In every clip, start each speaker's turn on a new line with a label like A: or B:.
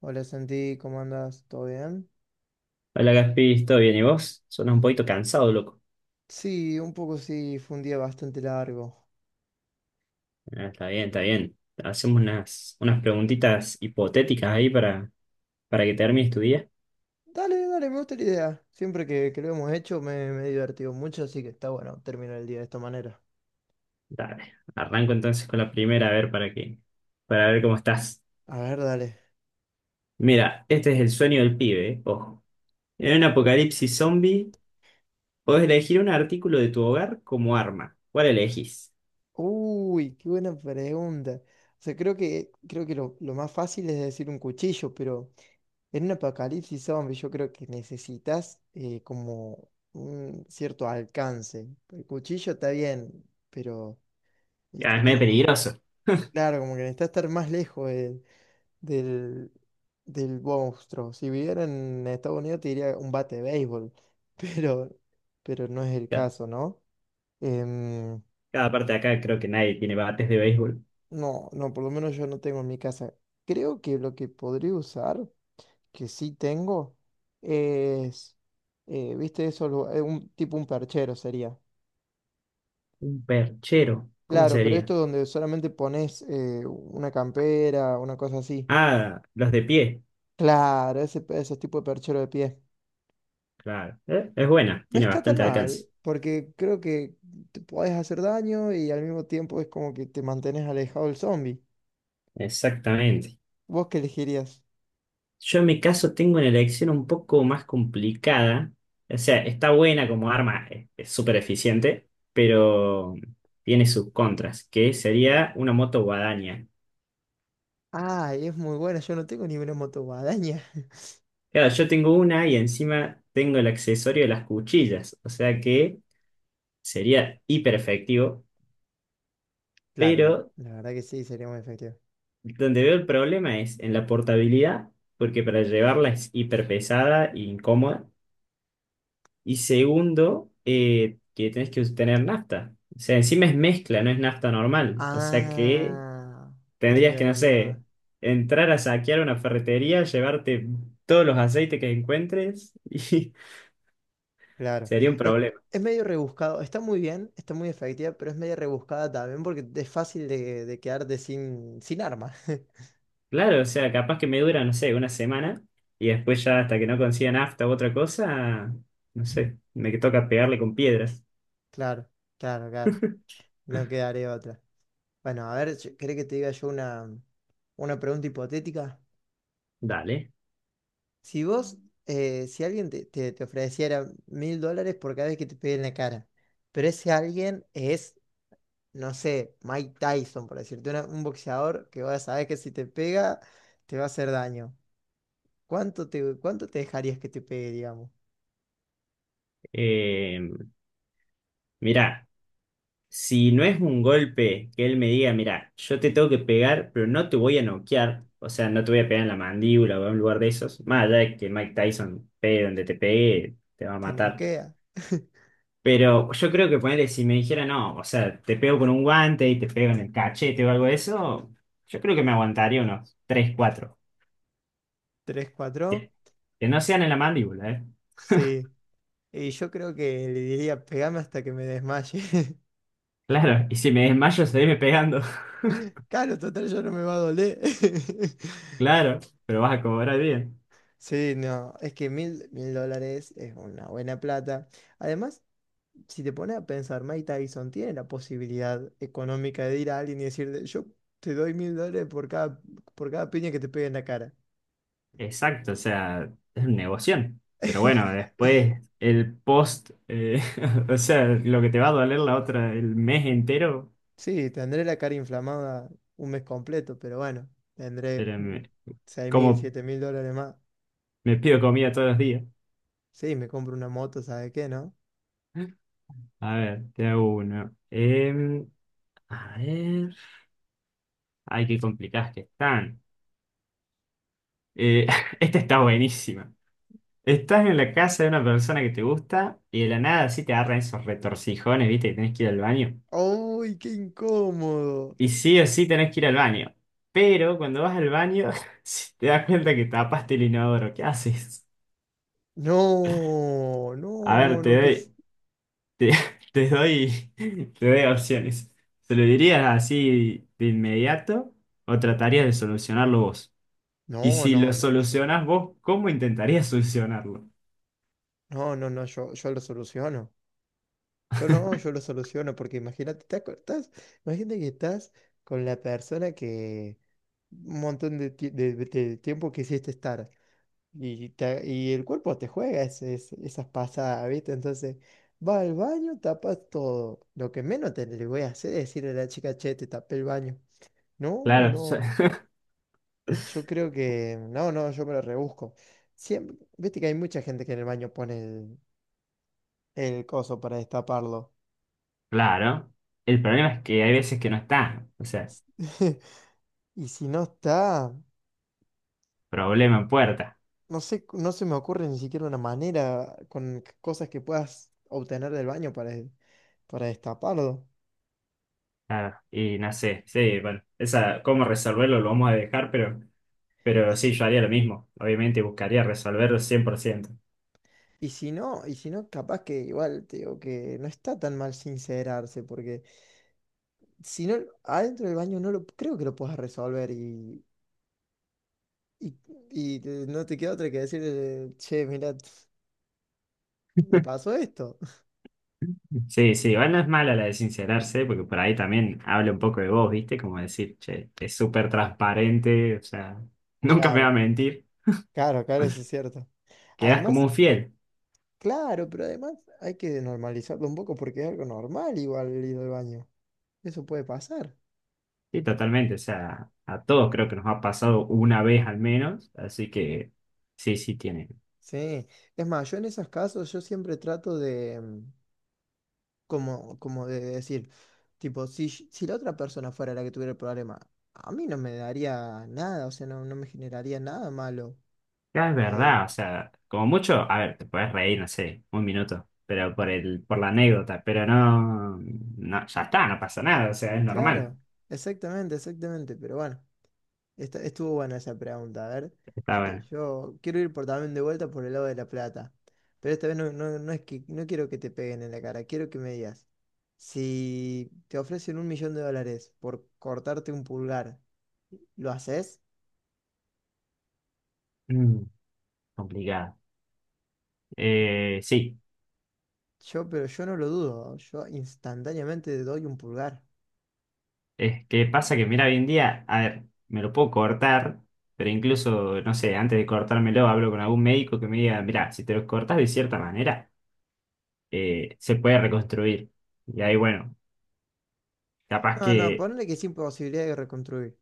A: Hola Santi, ¿cómo andas? ¿Todo bien?
B: Hola Gaspi, ¿todo bien? ¿Y vos? Suena un poquito cansado, loco.
A: Sí, un poco sí, fue un día bastante largo.
B: Ah, está bien, está bien. Hacemos unas preguntitas hipotéticas ahí para que termines tu día.
A: Dale, dale, me gusta la idea. Siempre que lo hemos hecho me he divertido mucho, así que está bueno terminar el día de esta manera.
B: Dale, arranco entonces con la primera, a ver para ver cómo estás.
A: A ver, dale.
B: Mira, este es el sueño del pibe, Ojo. En un apocalipsis zombie, podés elegir un artículo de tu hogar como arma. ¿Cuál elegís?
A: Uy, qué buena pregunta. O sea, creo que lo más fácil es decir un cuchillo, pero en un apocalipsis zombie yo creo que necesitas como un cierto alcance. El cuchillo está bien, pero
B: Ah, es
A: estás
B: medio
A: como.
B: peligroso.
A: Claro, como que necesita estar más lejos del, del monstruo. Si viviera en Estados Unidos te diría un bate de béisbol, pero, pero no es el
B: Cada,
A: caso, ¿no? Em,
B: cada parte de acá creo que nadie tiene bates de béisbol.
A: no, no, por lo menos yo no tengo en mi casa. Creo que lo que podría usar, que sí tengo, es, ¿viste eso? Tipo un perchero sería.
B: Un perchero, ¿cómo
A: Claro, pero
B: sería?
A: esto donde solamente pones una campera, una cosa así.
B: Ah, los de pie.
A: Claro, ese tipo de perchero de pie.
B: Claro, es buena,
A: No
B: tiene
A: está tan
B: bastante
A: mal,
B: alcance.
A: porque creo que te puedes hacer daño y al mismo tiempo es como que te mantienes alejado del zombie.
B: Exactamente.
A: ¿Vos qué elegirías?
B: Yo en mi caso tengo una elección un poco más complicada. O sea, está buena como arma, es súper eficiente, pero tiene sus contras, que sería una moto guadaña.
A: Ah, es muy buena, yo no tengo ni una motoguadaña.
B: Claro, yo tengo una y encima tengo el accesorio de las cuchillas, o sea que sería hiper efectivo,
A: Claro, la,
B: pero
A: la verdad que sí, sería muy efectivo.
B: donde veo el problema es en la portabilidad, porque para llevarla es hiper pesada e incómoda. Y segundo, que tenés que tener nafta. O sea, encima es mezcla, no es nafta normal. O sea que
A: Ah, es
B: tendrías que, no
A: verdad.
B: sé, entrar a saquear una ferretería, llevarte todos los aceites que encuentres y
A: Claro.
B: sería un
A: Es,
B: problema.
A: es medio rebuscado. Está muy bien, está muy efectiva, pero es medio rebuscada también porque es fácil de quedarte sin arma.
B: Claro, o sea, capaz que me dura, no sé, una semana y después ya hasta que no consiga nafta u otra cosa, no sé, me toca pegarle con piedras.
A: Claro, claro, claro. No quedaré otra. Bueno, a ver, ¿querés que te diga yo una pregunta hipotética?
B: Dale.
A: Si vos, si alguien te ofreciera $1.000 por cada vez que te pegue en la cara, pero ese alguien es, no sé, Mike Tyson, por decirte, un boxeador que vas a saber que si te pega, te va a hacer daño. ¿Cuánto te dejarías que te pegue, digamos?
B: Eh, mirá. Si no es un golpe que él me diga, mira, yo te tengo que pegar, pero no te voy a noquear, o sea, no te voy a pegar en la mandíbula o en un lugar de esos, más allá de que Mike Tyson pegue donde te pegue, te va a
A: ¿Te
B: matar.
A: noquea?
B: Pero yo creo que ponerle, si me dijera, no, o sea, te pego con un guante y te pego en el cachete o algo de eso, yo creo que me aguantaría unos 3 cuatro.
A: ¿Tres, cuatro?
B: Que, que no sean en la mandíbula, ¿eh?
A: Sí. Y yo creo que le diría, pegame hasta que me desmaye.
B: Claro, y si me desmayo, seguime pegando,
A: Claro, total, yo no me va a doler.
B: claro, pero vas a cobrar bien.
A: Sí, no, es que mil dólares es una buena plata. Además, si te pones a pensar, Mike Tyson tiene la posibilidad económica de ir a alguien y decirle, yo te doy $1.000 por cada piña que te pegue en la cara.
B: Exacto, o sea, es un negocio. Pero bueno, después el post, o sea, lo que te va a doler la otra, el mes entero,
A: Sí, tendré la cara inflamada un mes completo, pero bueno, tendré
B: pero
A: seis mil,
B: como
A: siete mil dólares más.
B: me pido comida todos los días.
A: Sí, me compro una moto, ¿sabe qué, no?
B: A ver, te hago uno. A ver, ay, qué complicadas que están. Eh, esta está buenísima. Estás en la casa de una persona que te gusta y de la nada así te agarran esos retorcijones, ¿viste? Que tenés que ir al baño.
A: ¡Uy, qué incómodo!
B: Y sí o sí tenés que ir al baño. Pero cuando vas al baño, si te das cuenta que tapaste el inodoro, ¿qué haces?
A: No,
B: A
A: no,
B: ver,
A: no, no, que es.
B: te, te doy, te doy opciones. ¿Se lo dirías así de inmediato o tratarías de solucionarlo vos? Y
A: No,
B: si lo
A: no, no, yo.
B: solucionás vos, ¿cómo intentarías solucionarlo?
A: No, no, no, yo lo soluciono. Yo no, yo lo soluciono, porque imagínate, imagínate que estás con la persona que un montón de tiempo quisiste estar. Y, y el cuerpo te juega esas pasadas, ¿viste? Entonces, va al baño, tapas todo. Lo que menos te le voy a hacer es decirle a la chica, che, te tapé el baño. No,
B: Claro,
A: no. Yo creo que. No, no, yo me lo rebusco. Siempre, viste que hay mucha gente que en el baño pone el coso para destaparlo.
B: claro. El problema es que hay veces que no está. O sea,
A: Y si no está,
B: problema en puerta.
A: no sé, no se me ocurre ni siquiera una manera con cosas que puedas obtener del baño para destaparlo.
B: Claro, y no sé, sí, bueno, esa, cómo resolverlo lo vamos a dejar, pero sí, yo haría lo mismo. Obviamente buscaría resolverlo 100%.
A: Y si no, capaz que igual te digo que no está tan mal sincerarse, porque si no, adentro del baño no lo creo que lo puedas resolver y, y no te queda otra que decirle, che, mira, me pasó esto.
B: Sí, sí, igual no es mala la de sincerarse, porque por ahí también habla un poco de vos, ¿viste? Como decir, che, es súper transparente, o sea, nunca me va a
A: Claro,
B: mentir.
A: claro, claro, eso es cierto.
B: Quedás como
A: Además.
B: un fiel.
A: Claro, pero además hay que normalizarlo un poco porque es algo normal igual el ir al baño. Eso puede pasar.
B: Sí, totalmente, o sea, a todos creo que nos ha pasado una vez al menos, así que sí, sí, tiene.
A: Sí. Es más, yo en esos casos yo siempre trato de como de decir, tipo, si la otra persona fuera la que tuviera el problema, a mí no me daría nada, o sea, no me generaría nada malo.
B: Ya es verdad,
A: Eh,
B: o sea, como mucho, a ver, te puedes reír, no sé, un minuto, pero por la anécdota, pero no, no, ya está, no pasa nada, o sea, es normal.
A: claro, exactamente, exactamente. Pero bueno, estuvo buena esa pregunta. A ver,
B: Está
A: yo,
B: bueno.
A: yo quiero ir por también de vuelta por el lado de la plata. Pero esta vez no, no, no es que no quiero que te peguen en la cara, quiero que me digas. Si te ofrecen $1.000.000 por cortarte un pulgar, ¿lo haces?
B: Mm, complicado. Sí,
A: Pero yo no lo dudo. Yo instantáneamente te doy un pulgar.
B: es que pasa que, mira, hoy en día, a ver, me lo puedo cortar, pero incluso, no sé, antes de cortármelo hablo con algún médico que me diga, mira, si te lo cortas de cierta manera, se puede reconstruir. Y ahí, bueno, capaz
A: No, no,
B: que
A: ponle que sin posibilidad de reconstruir.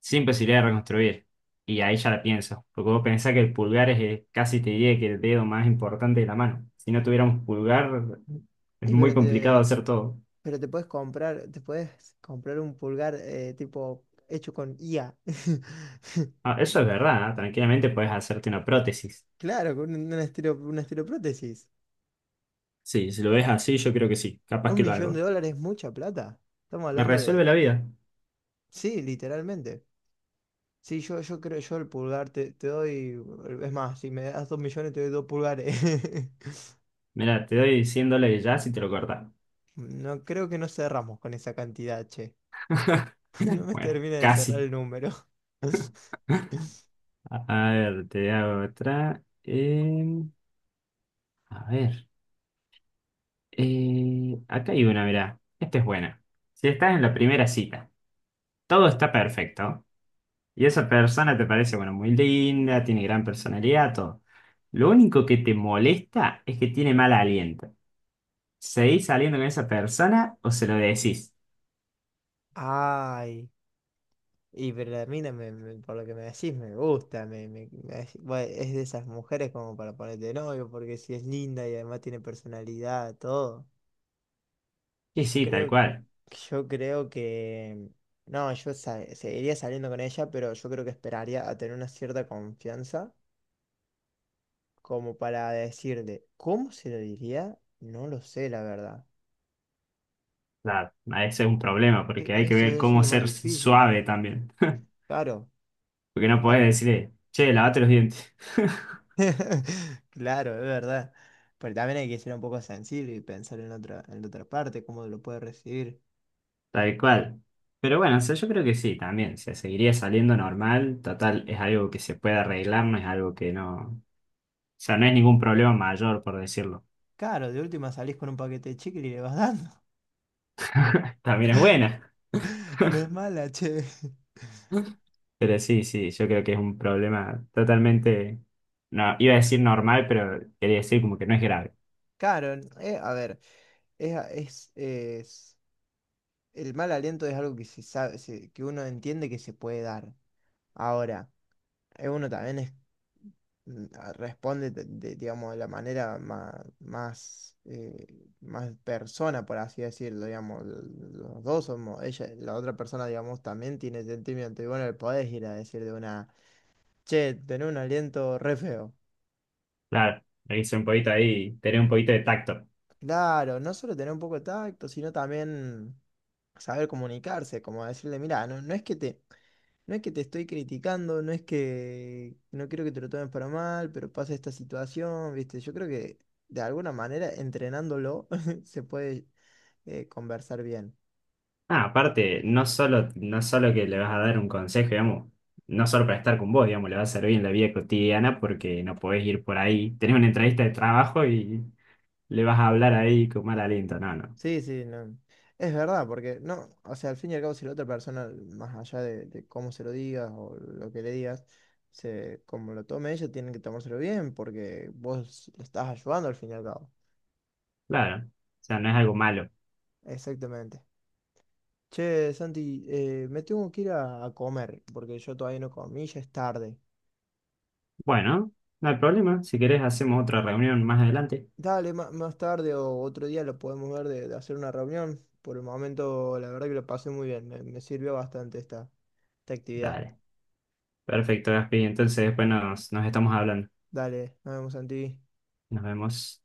B: sin posibilidad de reconstruir. Y ahí ya la pienso, porque vos pensás que el pulgar es casi te diría que el dedo más importante de la mano. Si no tuviéramos pulgar, es
A: Y
B: muy
A: pero
B: complicado
A: te,
B: hacer todo.
A: pero te puedes comprar, te puedes comprar un pulgar tipo hecho con IA.
B: Ah, eso es verdad, ¿eh? Tranquilamente puedes hacerte una prótesis.
A: Claro, con una estiroprótesis.
B: Sí, si lo ves así, yo creo que sí, capaz
A: Un
B: que lo
A: millón de
B: hago.
A: dólares es mucha plata. Estamos
B: Me
A: hablando
B: resuelve
A: de.
B: la vida.
A: Sí, literalmente. Sí, yo creo, yo el pulgar te doy. Es más, si me das 2 millones te doy dos pulgares.
B: Mira, te doy $100 ya si te lo cortas.
A: No creo que no cerramos con esa cantidad, che. No me
B: Bueno,
A: termina de cerrar
B: casi.
A: el número.
B: A a ver, te hago otra. A ver, acá hay una, mirá. Esta es buena. Si estás en la primera cita, todo está perfecto. Y esa persona te parece, bueno, muy linda, tiene gran personalidad, todo. Lo único que te molesta es que tiene mal aliento. ¿Seguís saliendo con esa persona o se lo decís?
A: Ay, y pero la mina por lo que me decís me gusta, bueno, es de esas mujeres como para ponerte de novio, porque si es linda y además tiene personalidad, todo.
B: Y
A: Yo
B: sí, tal
A: creo,
B: cual.
A: yo creo que. No, seguiría saliendo con ella, pero yo creo que esperaría a tener una cierta confianza como para decirle, ¿cómo se lo diría? No lo sé, la verdad.
B: O sea, ese es un problema porque hay que
A: Eso
B: ver
A: debe ser
B: cómo
A: lo más
B: ser
A: difícil.
B: suave también.
A: Claro.
B: Porque no podés
A: tal-
B: decirle, che, lavate los dientes.
A: Claro, es verdad. Pero también hay que ser un poco sensible y pensar en la otra parte, cómo lo puede recibir.
B: Tal cual. Pero bueno, o sea, yo creo que sí, también. O sea, seguiría saliendo normal. Total, es algo que se puede arreglar, no es algo que no. O sea, no es ningún problema mayor, por decirlo.
A: Claro, de última salís con un paquete de chicle y le vas dando.
B: También es buena.
A: No es mala, che.
B: Pero sí, sí, yo creo que es un problema totalmente, no, iba a decir normal, pero quería decir como que no es grave.
A: Claro, a ver. Es, a- es, es- el mal aliento es algo que se sabe, que uno entiende que se puede dar. Ahora, uno también responde, digamos, de la manera más persona, por así decirlo, digamos, los dos somos, ella, la otra persona, digamos, también tiene sentimiento. Y bueno, le podés ir a decir de una, che, tener un aliento re feo.
B: Claro, le hice un poquito ahí, tener un poquito de tacto.
A: Claro, no solo tener un poco de tacto, sino también saber comunicarse, como decirle, mira, No es que te estoy criticando, no es que no quiero que te lo tomes para mal, pero pasa esta situación, ¿viste? Yo creo que de alguna manera entrenándolo se puede conversar bien.
B: Ah, aparte, no solo que le vas a dar un consejo, digamos, no solo para estar con vos, digamos, le va a servir en la vida cotidiana porque no podés ir por ahí, tenés una entrevista de trabajo y le vas a hablar ahí con mal aliento. No, no,
A: Sí, sí, no. Es verdad, porque no, o sea, al fin y al cabo, si la otra persona, más allá de cómo se lo digas o lo que le digas, se, como lo tome ella, tienen que tomárselo bien, porque vos le estás ayudando al fin y al cabo.
B: claro, o sea, no es algo malo.
A: Exactamente. Che, Santi, me tengo que ir a comer, porque yo todavía no comí, ya es tarde.
B: Bueno, no hay problema, si querés hacemos otra reunión más adelante.
A: Dale, más tarde o otro día lo podemos ver de hacer una reunión. Por el momento, la verdad que lo pasé muy bien. Me sirvió bastante esta actividad.
B: Dale. Perfecto, Gaspi. Entonces, pues nos estamos hablando.
A: Dale, nos vemos, Santi.
B: Nos vemos.